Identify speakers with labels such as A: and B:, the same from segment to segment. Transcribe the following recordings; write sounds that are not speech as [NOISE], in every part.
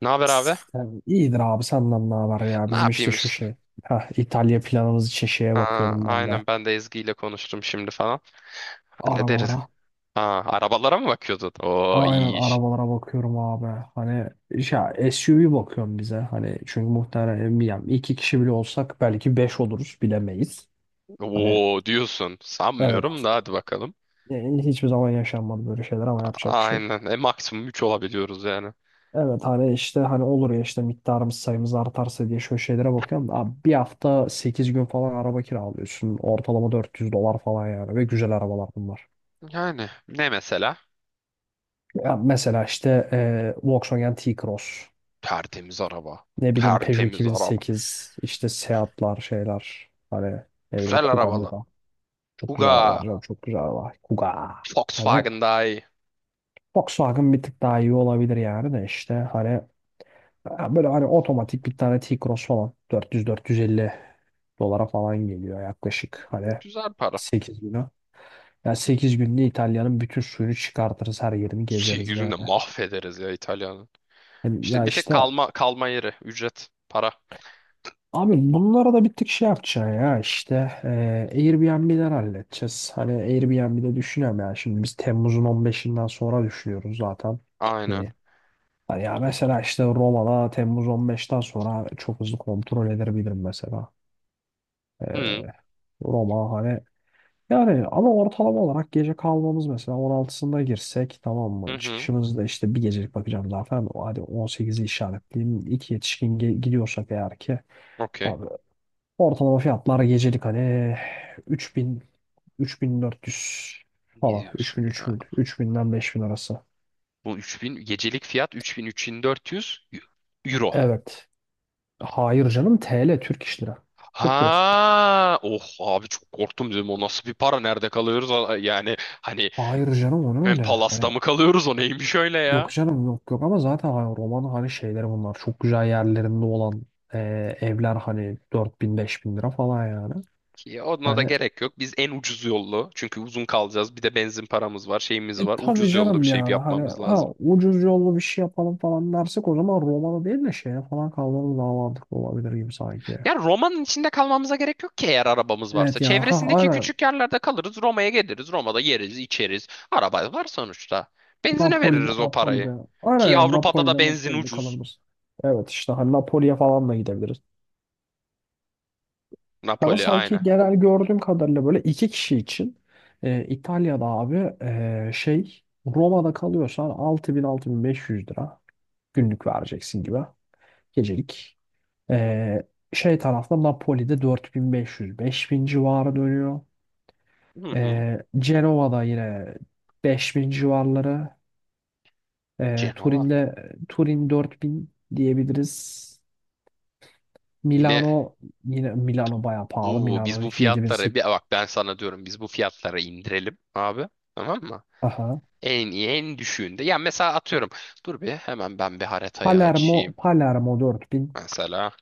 A: Ne haber abi?
B: İyidir abi. Senden ne var ya?
A: Ne
B: Bizim işte
A: yapayım
B: şu
A: işte.
B: şey. İtalya planımız için şeye
A: Aa,
B: bakıyordum ben de.
A: aynen ben de Ezgi ile konuştum şimdi falan. Hallederiz.
B: Arabalara.
A: Aa, arabalara mı bakıyordun? Oo
B: Aynen
A: iyi iş.
B: arabalara bakıyorum abi. Hani ya SUV bakıyorum bize. Hani, çünkü muhtemelen bilmiyorum, iki kişi bile olsak belki beş oluruz, bilemeyiz. Hani,
A: Oo diyorsun. Sanmıyorum
B: evet,
A: da hadi bakalım.
B: hiçbir zaman yaşanmadı böyle şeyler, ama yapacak bir şey.
A: Aynen. Maksimum üç olabiliyoruz yani.
B: Evet, hani işte hani olur ya, işte miktarımız, sayımız artarsa diye şöyle şeylere bakıyorum. Abi, bir hafta 8 gün falan araba kiralıyorsun. Ortalama 400 dolar falan yani, ve güzel arabalar bunlar.
A: Yani ne mesela?
B: Ya mesela işte, Volkswagen T-Cross,
A: Tertemiz araba.
B: ne bileyim Peugeot
A: Tertemiz araba.
B: 2008, işte Seat'lar, şeyler hani, ne bileyim
A: Güzel
B: Kuga
A: arabalı.
B: Muga. Çok güzel arabalar
A: Kuga.
B: canım, çok güzel arabalar. Kuga. Hani,
A: Volkswagen daha iyi.
B: Volkswagen bir tık daha iyi olabilir yani, de işte hani, ha, böyle hani otomatik bir tane T-Cross falan 450 dolara falan geliyor yaklaşık. Hani,
A: Güzel para.
B: 8 günü. Yani, 8 günde İtalya'nın bütün suyunu çıkartırız. Her yerini
A: Şey
B: gezeriz yani.
A: yüzünde mahvederiz ya İtalya'nın. İşte
B: Ya
A: bir tek
B: işte,
A: kalma kalma yeri. Ücret. Para.
B: abi bunlara da bir tık şey yapacaksın ya işte, e, Airbnb'den halledeceğiz. Hani, Airbnb'de düşünüyorum ya. Şimdi biz Temmuz'un 15'inden sonra düşünüyoruz zaten
A: Aynen.
B: gitmeyi. Hani, ya mesela işte Roma'da Temmuz 15'ten sonra çok hızlı kontrol edebilirim mesela. E,
A: Hı
B: Roma hani. Yani ama, ortalama olarak gece kalmamız mesela 16'sında girsek, tamam
A: hı.
B: mı?
A: Hı.
B: Çıkışımızda işte bir gecelik bakacağım zaten. Hadi 18'i işaretleyeyim. İki yetişkin gidiyorsak eğer ki,
A: Okey.
B: abi, ortalama fiyatlar gecelik hani 3000, 3400
A: Ne
B: falan.
A: diyorsun
B: 3000
A: ya?
B: 3000 3000'den 5000 arası.
A: Bu 3000 gecelik fiyat, 3000 3400 euro.
B: Evet. Hayır canım, TL, Türk iş lira. Türk lirası.
A: Ha, oh abi, çok korktum, dedim o nasıl bir para, nerede kalıyoruz? Yani hani
B: Hayır canım, onu
A: ben
B: öyle.
A: Palas'ta
B: Hani,
A: mı kalıyoruz, o neymiş öyle
B: yok
A: ya?
B: canım, yok yok, ama zaten hani roman hani şeyleri, bunlar çok güzel yerlerinde olan, e, evler hani, 4000 bin lira falan yani.
A: Ki ona da
B: Hani,
A: gerek yok. Biz en ucuz yollu, çünkü uzun kalacağız. Bir de benzin paramız var, şeyimiz var.
B: tabii
A: Ucuz yollu bir
B: canım
A: şey
B: yani, hani,
A: yapmamız lazım.
B: ucuz yollu bir şey yapalım falan dersek, o zaman romanı değil de şeye falan kaldırırız, daha mantıklı olabilir gibi sanki.
A: Ya Roma'nın içinde kalmamıza gerek yok ki eğer arabamız varsa.
B: Evet ya, ha,
A: Çevresindeki
B: aynen.
A: küçük yerlerde kalırız, Roma'ya geliriz, Roma'da yeriz, içeriz. Araba var sonuçta. Benzine veririz o parayı.
B: Napoli'de. Aynen
A: Ki
B: ya,
A: Avrupa'da da benzin
B: Napoli'de
A: ucuz.
B: kalırız. Evet işte hani, Napoli'ye falan da gidebiliriz. Ama
A: Napoli
B: sanki,
A: aynı.
B: genel gördüğüm kadarıyla böyle iki kişi için, İtalya'da abi, şey, Roma'da kalıyorsan 6000-6500 lira günlük vereceksin gibi, gecelik. E, Şey tarafta, Napoli'de 4500 bin civarı dönüyor.
A: Hı hı.
B: Cenova'da yine 5000 civarları. E,
A: Cenova.
B: Turin'de Turin 4000 diyebiliriz.
A: Yine
B: Milano, yine Milano bayağı pahalı.
A: bu biz
B: Milano
A: bu
B: 7000.
A: fiyatları bir bak, ben sana diyorum, biz bu fiyatları indirelim abi. Tamam mı?
B: Aha.
A: En iyi en düşüğünde. Ya mesela atıyorum. Dur bir hemen ben bir haritayı açayım.
B: Palermo 4000
A: Mesela.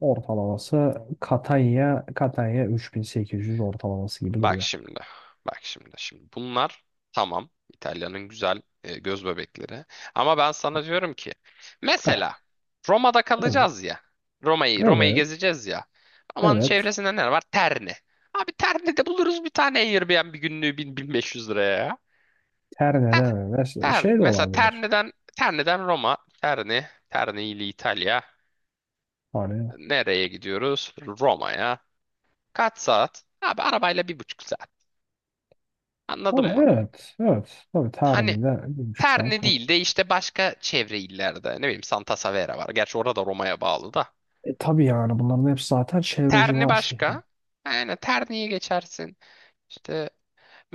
B: ortalaması. Catania 3800 ortalaması gibi
A: Bak
B: duruyor.
A: şimdi. Bak şimdi. Şimdi bunlar tamam. İtalya'nın güzel göz bebekleri. Ama ben sana diyorum ki mesela
B: Heh,
A: Roma'da
B: evet
A: kalacağız ya. Roma'yı Roma'yı
B: evet
A: gezeceğiz ya. Roma'nın
B: evet,
A: çevresinde ne var? Terni. Abi Terni'de buluruz bir tane Airbnb günlüğü 1000-1500 liraya ya. Ha,
B: Terne'de mi? Mesela
A: Terni.
B: şey de
A: Mesela
B: olabilir.
A: Terni'den Terni'den Roma, Terni, Terni ile İtalya.
B: Hani
A: Nereye gidiyoruz? Roma'ya. Kaç saat? Abi arabayla 1,5 saat. Anladın
B: hani,
A: mı?
B: evet evet, tabii,
A: Hani
B: Terne'de gümüşler.
A: Terni değil de işte başka çevre illerde. Ne bileyim, Santa Severa var. Gerçi orada da Roma'ya bağlı da.
B: Tabii yani, bunların hepsi zaten çevre
A: Terni
B: civar şehirler.
A: başka. Yani Terni'ye geçersin. İşte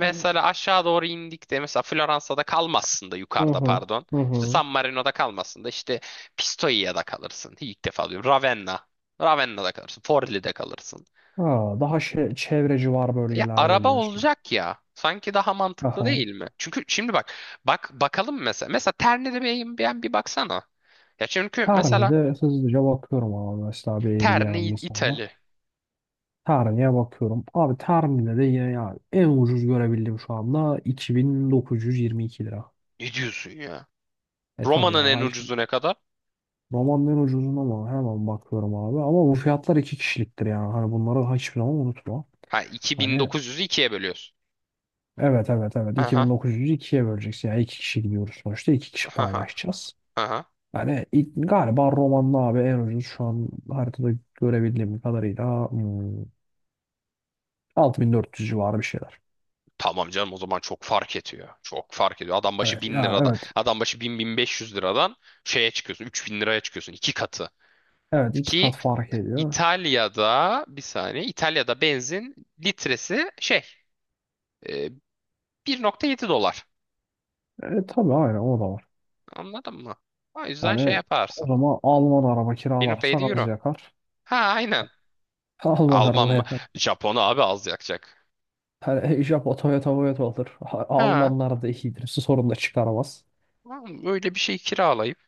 B: Hani,
A: aşağı doğru indik de mesela Floransa'da kalmazsın da
B: hı
A: yukarıda
B: hı.
A: pardon.
B: hı
A: İşte
B: hı.
A: San Marino'da kalmazsın da işte Pistoia'da kalırsın. İlk defa diyorum. Ravenna. Ravenna'da kalırsın. Forlì'de kalırsın.
B: Ha, Daha şey, çevre civar
A: Ya
B: bölgelerde
A: araba
B: diyorsun.
A: olacak ya. Sanki daha mantıklı
B: Aha.
A: değil mi? Çünkü şimdi bak bak bakalım mesela. Mesela Terni'de beyin bir bir baksana. Ya çünkü mesela
B: Terne'de hızlıca bakıyorum, ama mesela bir
A: Terni
B: Airbnb sana.
A: İtali.
B: Termi'ye bakıyorum. Abi Termi'de de yine ya, en ucuz görebildiğim şu anda 2922 lira.
A: Ne diyorsun ya?
B: E tabi
A: Roma'nın en
B: ya. Şimdi
A: ucuzu ne kadar?
B: romanın en ucuzuna ama hemen bakıyorum abi. Ama bu fiyatlar iki kişiliktir yani. Hani bunları hiçbir zaman unutma.
A: Ha,
B: Hani,
A: 2900'ü ikiye bölüyorsun.
B: evet evet evet,
A: Aha.
B: 2900'ü ikiye böleceksin. Yani iki kişi gidiyoruz sonuçta. İki kişi
A: Aha.
B: paylaşacağız.
A: Aha.
B: Yani ilk, galiba romanın abi en ucuz şu an haritada görebildiğim kadarıyla, 6400 civarı bir şeyler.
A: Tamam canım, o zaman çok fark ediyor. Çok fark ediyor. Adam başı
B: Evet
A: 1000
B: ya,
A: liradan,
B: evet.
A: adam başı bin 1.500 liradan şeye çıkıyorsun. 3.000 liraya çıkıyorsun. İki katı.
B: Evet, iki
A: Ki
B: kat fark ediyor.
A: İtalya'da bir saniye, İtalya'da benzin litresi şey e, 1,7 dolar.
B: E tabii, aynen, o da var.
A: Anladın mı? O yüzden şey
B: Hani o
A: yaparsın.
B: zaman Alman araba
A: 1.7
B: kiralarsak az
A: euro.
B: yakar.
A: Ha aynen.
B: [LAUGHS] Alman
A: Alman
B: araba
A: mı?
B: yakar.
A: Japon abi az yakacak.
B: Hani, [LAUGHS] Japon Toyota. Olur.
A: Ha,
B: Almanlar da iyidir. Su sorun da çıkaramaz.
A: oğlum öyle bir şey kiralayıp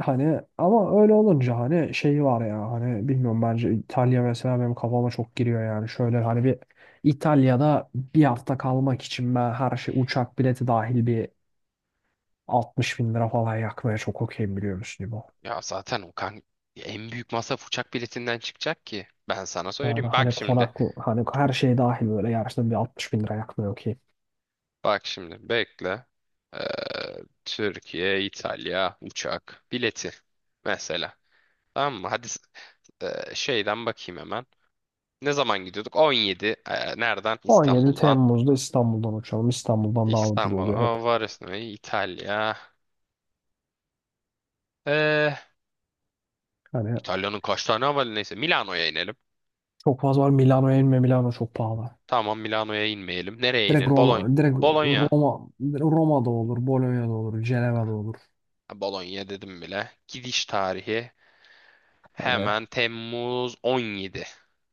B: Hani ama öyle olunca hani, şeyi var ya, hani bilmiyorum, bence İtalya mesela benim kafama çok giriyor yani. Şöyle hani, bir İtalya'da bir hafta kalmak için ben, her şey, uçak bileti dahil, bir 60.000 lira falan yakmaya çok okeyim, biliyor musun İbo?
A: ya zaten o kan en büyük masraf uçak biletinden çıkacak ki. Ben sana
B: Yani
A: söyleyeyim. Bak
B: hani
A: şimdi.
B: konaklı, hani her şey dahil böyle, yarışta bir 60.000 lira yakmaya okey.
A: Bak şimdi. Bekle. Ee, Türkiye, İtalya uçak bileti mesela. Tamam mı? Hadi şeyden bakayım hemen. Ne zaman gidiyorduk? 17. Nereden?
B: on yedi
A: İstanbul'dan.
B: Temmuz'da İstanbul'dan uçalım. İstanbul'dan daha ucuz
A: İstanbul.
B: oluyor hep.
A: Varisno, İtalya. Ee,
B: Hani
A: İtalya'nın kaç tane havalı neyse. Milano'ya inelim.
B: çok fazla var. Milano'ya inme. Milano çok pahalı.
A: Tamam, Milano'ya inmeyelim. Nereye
B: Direkt
A: inelim? Bologna.
B: Roma,
A: Bologna.
B: Roma, Roma'da olur, Bologna'da olur, Ceneva'da olur.
A: Bologna dedim bile. Gidiş tarihi
B: Hani,
A: hemen Temmuz 17.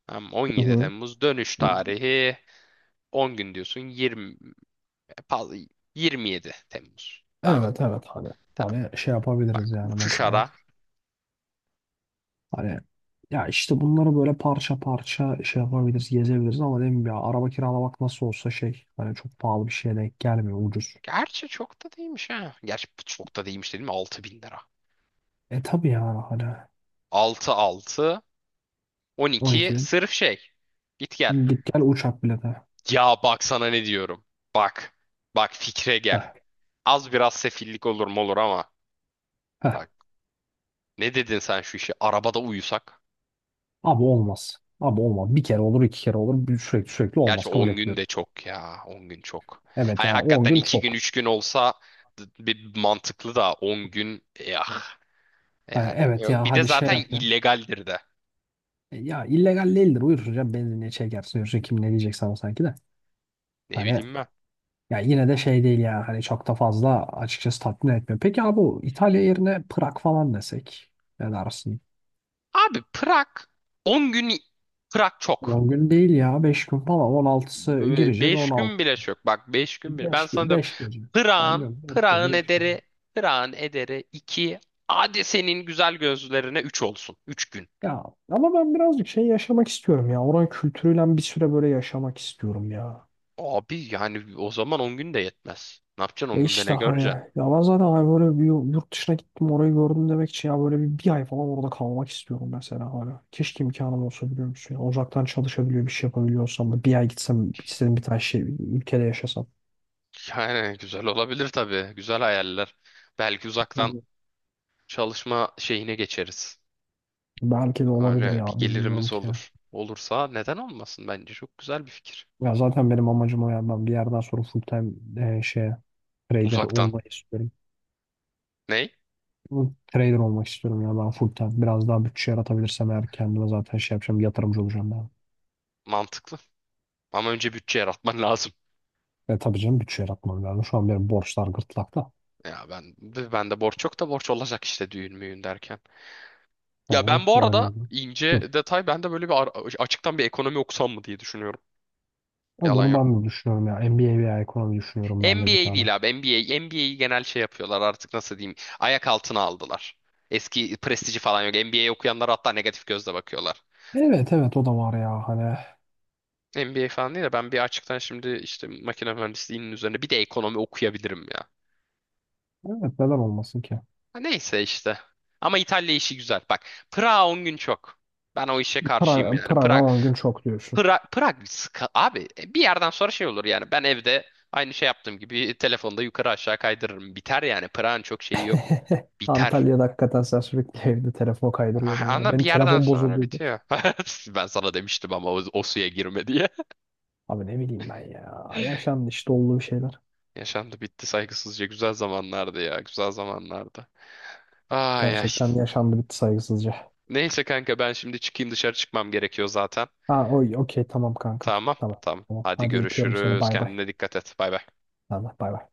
A: Tamam,
B: hı
A: 17
B: hı.
A: Temmuz dönüş tarihi 10 gün diyorsun, 20, pardon, 27 Temmuz. Tamam
B: Evet evet, hani,
A: tamam,
B: şey
A: bak
B: yapabiliriz yani
A: uçuş
B: mesela.
A: ara.
B: Hani ya işte, bunları böyle parça parça şey yapabiliriz, gezebiliriz ama, değil mi ya, araba kiralamak nasıl olsa şey, hani çok pahalı bir şeye denk gelmiyor, ucuz.
A: Gerçi çok da değilmiş ha. Gerçi çok da değilmiş dedim, 6.000 lira.
B: E tabii yani hani,
A: 6 6
B: on iki
A: 12
B: bin
A: sırf şey. Git gel.
B: git gel uçak bileti.
A: Ya bak sana ne diyorum. Bak. Bak fikre gel.
B: Heh,
A: Az biraz sefillik olur mu, olur ama.
B: heh.
A: Bak. Ne dedin sen şu işi? Arabada uyusak?
B: Abi olmaz. Abi olmaz. Bir kere olur, iki kere olur. Sürekli olmaz.
A: Gerçi
B: Kabul
A: 10 gün
B: etmiyorum.
A: de çok ya. On gün çok.
B: Evet
A: Hani
B: yani 10
A: hakikaten
B: gün
A: 2 gün
B: çok.
A: 3 gün olsa bir mantıklı, da 10 gün ya
B: Hani
A: yani.
B: evet,
A: Yok,
B: ya
A: bir de
B: hadi şey
A: zaten
B: yapayım.
A: illegaldir de.
B: Ya illegal değildir. Uyursun canım. Benzinliğe çekersin. Yürürsün. Kim ne diyecek sana sanki de?
A: Ne
B: Hani
A: bileyim ben.
B: ya yine de şey değil ya. Hani çok da fazla açıkçası tatmin etmiyor. Peki abi, bu İtalya yerine Prag falan desek. Ne dersin?
A: Abi Prag 10 gün, Prag çok.
B: 10 gün değil ya. 5 gün falan. 16'sı gireceğiz.
A: 5
B: 16.
A: gün bile çok. Bak, 5 gün bile. Ben sana diyorum.
B: 5 gece. Ben
A: Prag'ın
B: diyorum 4
A: Prag'ın
B: gece 5 gece.
A: ederi Prag'ın ederi 2, hadi senin güzel gözlerine 3 olsun. 3 gün.
B: Ya ama ben birazcık şey yaşamak istiyorum ya. Oranın kültürüyle bir süre böyle yaşamak istiyorum ya.
A: Abi yani o zaman 10 gün de yetmez. Ne yapacaksın on
B: E
A: günde
B: işte
A: ne
B: hani
A: göreceksin?
B: ya,
A: [LAUGHS]
B: ben zaten hani böyle bir yurt dışına gittim orayı gördüm demek için ya, böyle bir ay falan orada kalmak istiyorum mesela, hala. Keşke imkanım olsa, biliyor musun? Ya, uzaktan çalışabiliyor bir şey yapabiliyorsam da, bir ay gitsem istediğim bir tane şey ülkede yaşasam.
A: Yani güzel olabilir tabii. Güzel hayaller. Belki
B: Hı
A: uzaktan
B: hı.
A: çalışma şeyine geçeriz.
B: Belki de olabilir
A: Öyle bir
B: ya, bilmiyorum
A: gelirimiz
B: ki.
A: olur. Olursa neden olmasın? Bence çok güzel bir fikir.
B: Ya zaten benim amacım o ya, ben bir yerden sonra full time, şeye, trader
A: Uzaktan.
B: olmayı istiyorum.
A: Ney?
B: Bu, Trader olmak istiyorum ya ben, full time. Biraz daha bütçe yaratabilirsem eğer kendime, zaten şey yapacağım, yatırımcı olacağım ben.
A: Mantıklı. Ama önce bütçe yaratman [LAUGHS] lazım.
B: Ve tabii canım, bütçe yaratmam lazım. Şu an benim borçlar gırtlakta.
A: Ya ben de borç, çok da borç olacak işte düğün müğün derken. Ya
B: Yani
A: ben bu
B: öyle
A: arada
B: oldu.
A: ince
B: Hı.
A: detay, ben de böyle bir açıktan bir ekonomi okusam mı diye düşünüyorum.
B: Ama
A: Yalan
B: bunu
A: yok.
B: ben de düşünüyorum ya. MBA veya ekonomi düşünüyorum ben de bir
A: NBA
B: tane.
A: değil abi, NBA. NBA'yi genel şey yapıyorlar artık, nasıl diyeyim. Ayak altına aldılar. Eski prestiji falan yok. NBA okuyanlar hatta negatif gözle bakıyorlar.
B: Evet evet, o da var ya hani.
A: NBA falan değil de ben bir açıktan şimdi işte makine mühendisliğinin üzerine bir de ekonomi okuyabilirim ya.
B: Evet, neden olmasın ki?
A: Ha, neyse işte. Ama İtalya işi güzel. Bak, Prag 10 gün çok. Ben o işe karşıyım yani.
B: Praga
A: Prag,
B: on gün çok diyorsun.
A: Prag, abi bir yerden sonra şey olur yani. Ben evde aynı şey yaptığım gibi telefonda yukarı aşağı kaydırırım. Biter yani. Prag'ın çok şeyi yok.
B: [LAUGHS]
A: Biter.
B: Antalya'da hakikaten sen sürekli evde telefon
A: Ah,
B: kaydırıyordun ya.
A: ama bir
B: Benim
A: yerden
B: telefon
A: sonra
B: bozulduydu.
A: bitiyor. [LAUGHS] Ben sana demiştim ama o suya girme diye.
B: Abi ne bileyim ben ya.
A: [LAUGHS]
B: Yaşandı işte, olduğu şeyler.
A: Yaşandı bitti saygısızca. Güzel zamanlardı ya. Güzel zamanlardı. Ay ay.
B: Gerçekten yaşandı bitti saygısızca.
A: Neyse kanka, ben şimdi çıkayım, dışarı çıkmam gerekiyor zaten.
B: Ha Okey, tamam kanka.
A: Tamam.
B: Tamam.
A: Tamam.
B: Tamam.
A: Hadi
B: Hadi öpüyorum seni.
A: görüşürüz.
B: Bay bay.
A: Kendine dikkat et. Bay bay.
B: Allah bay bay.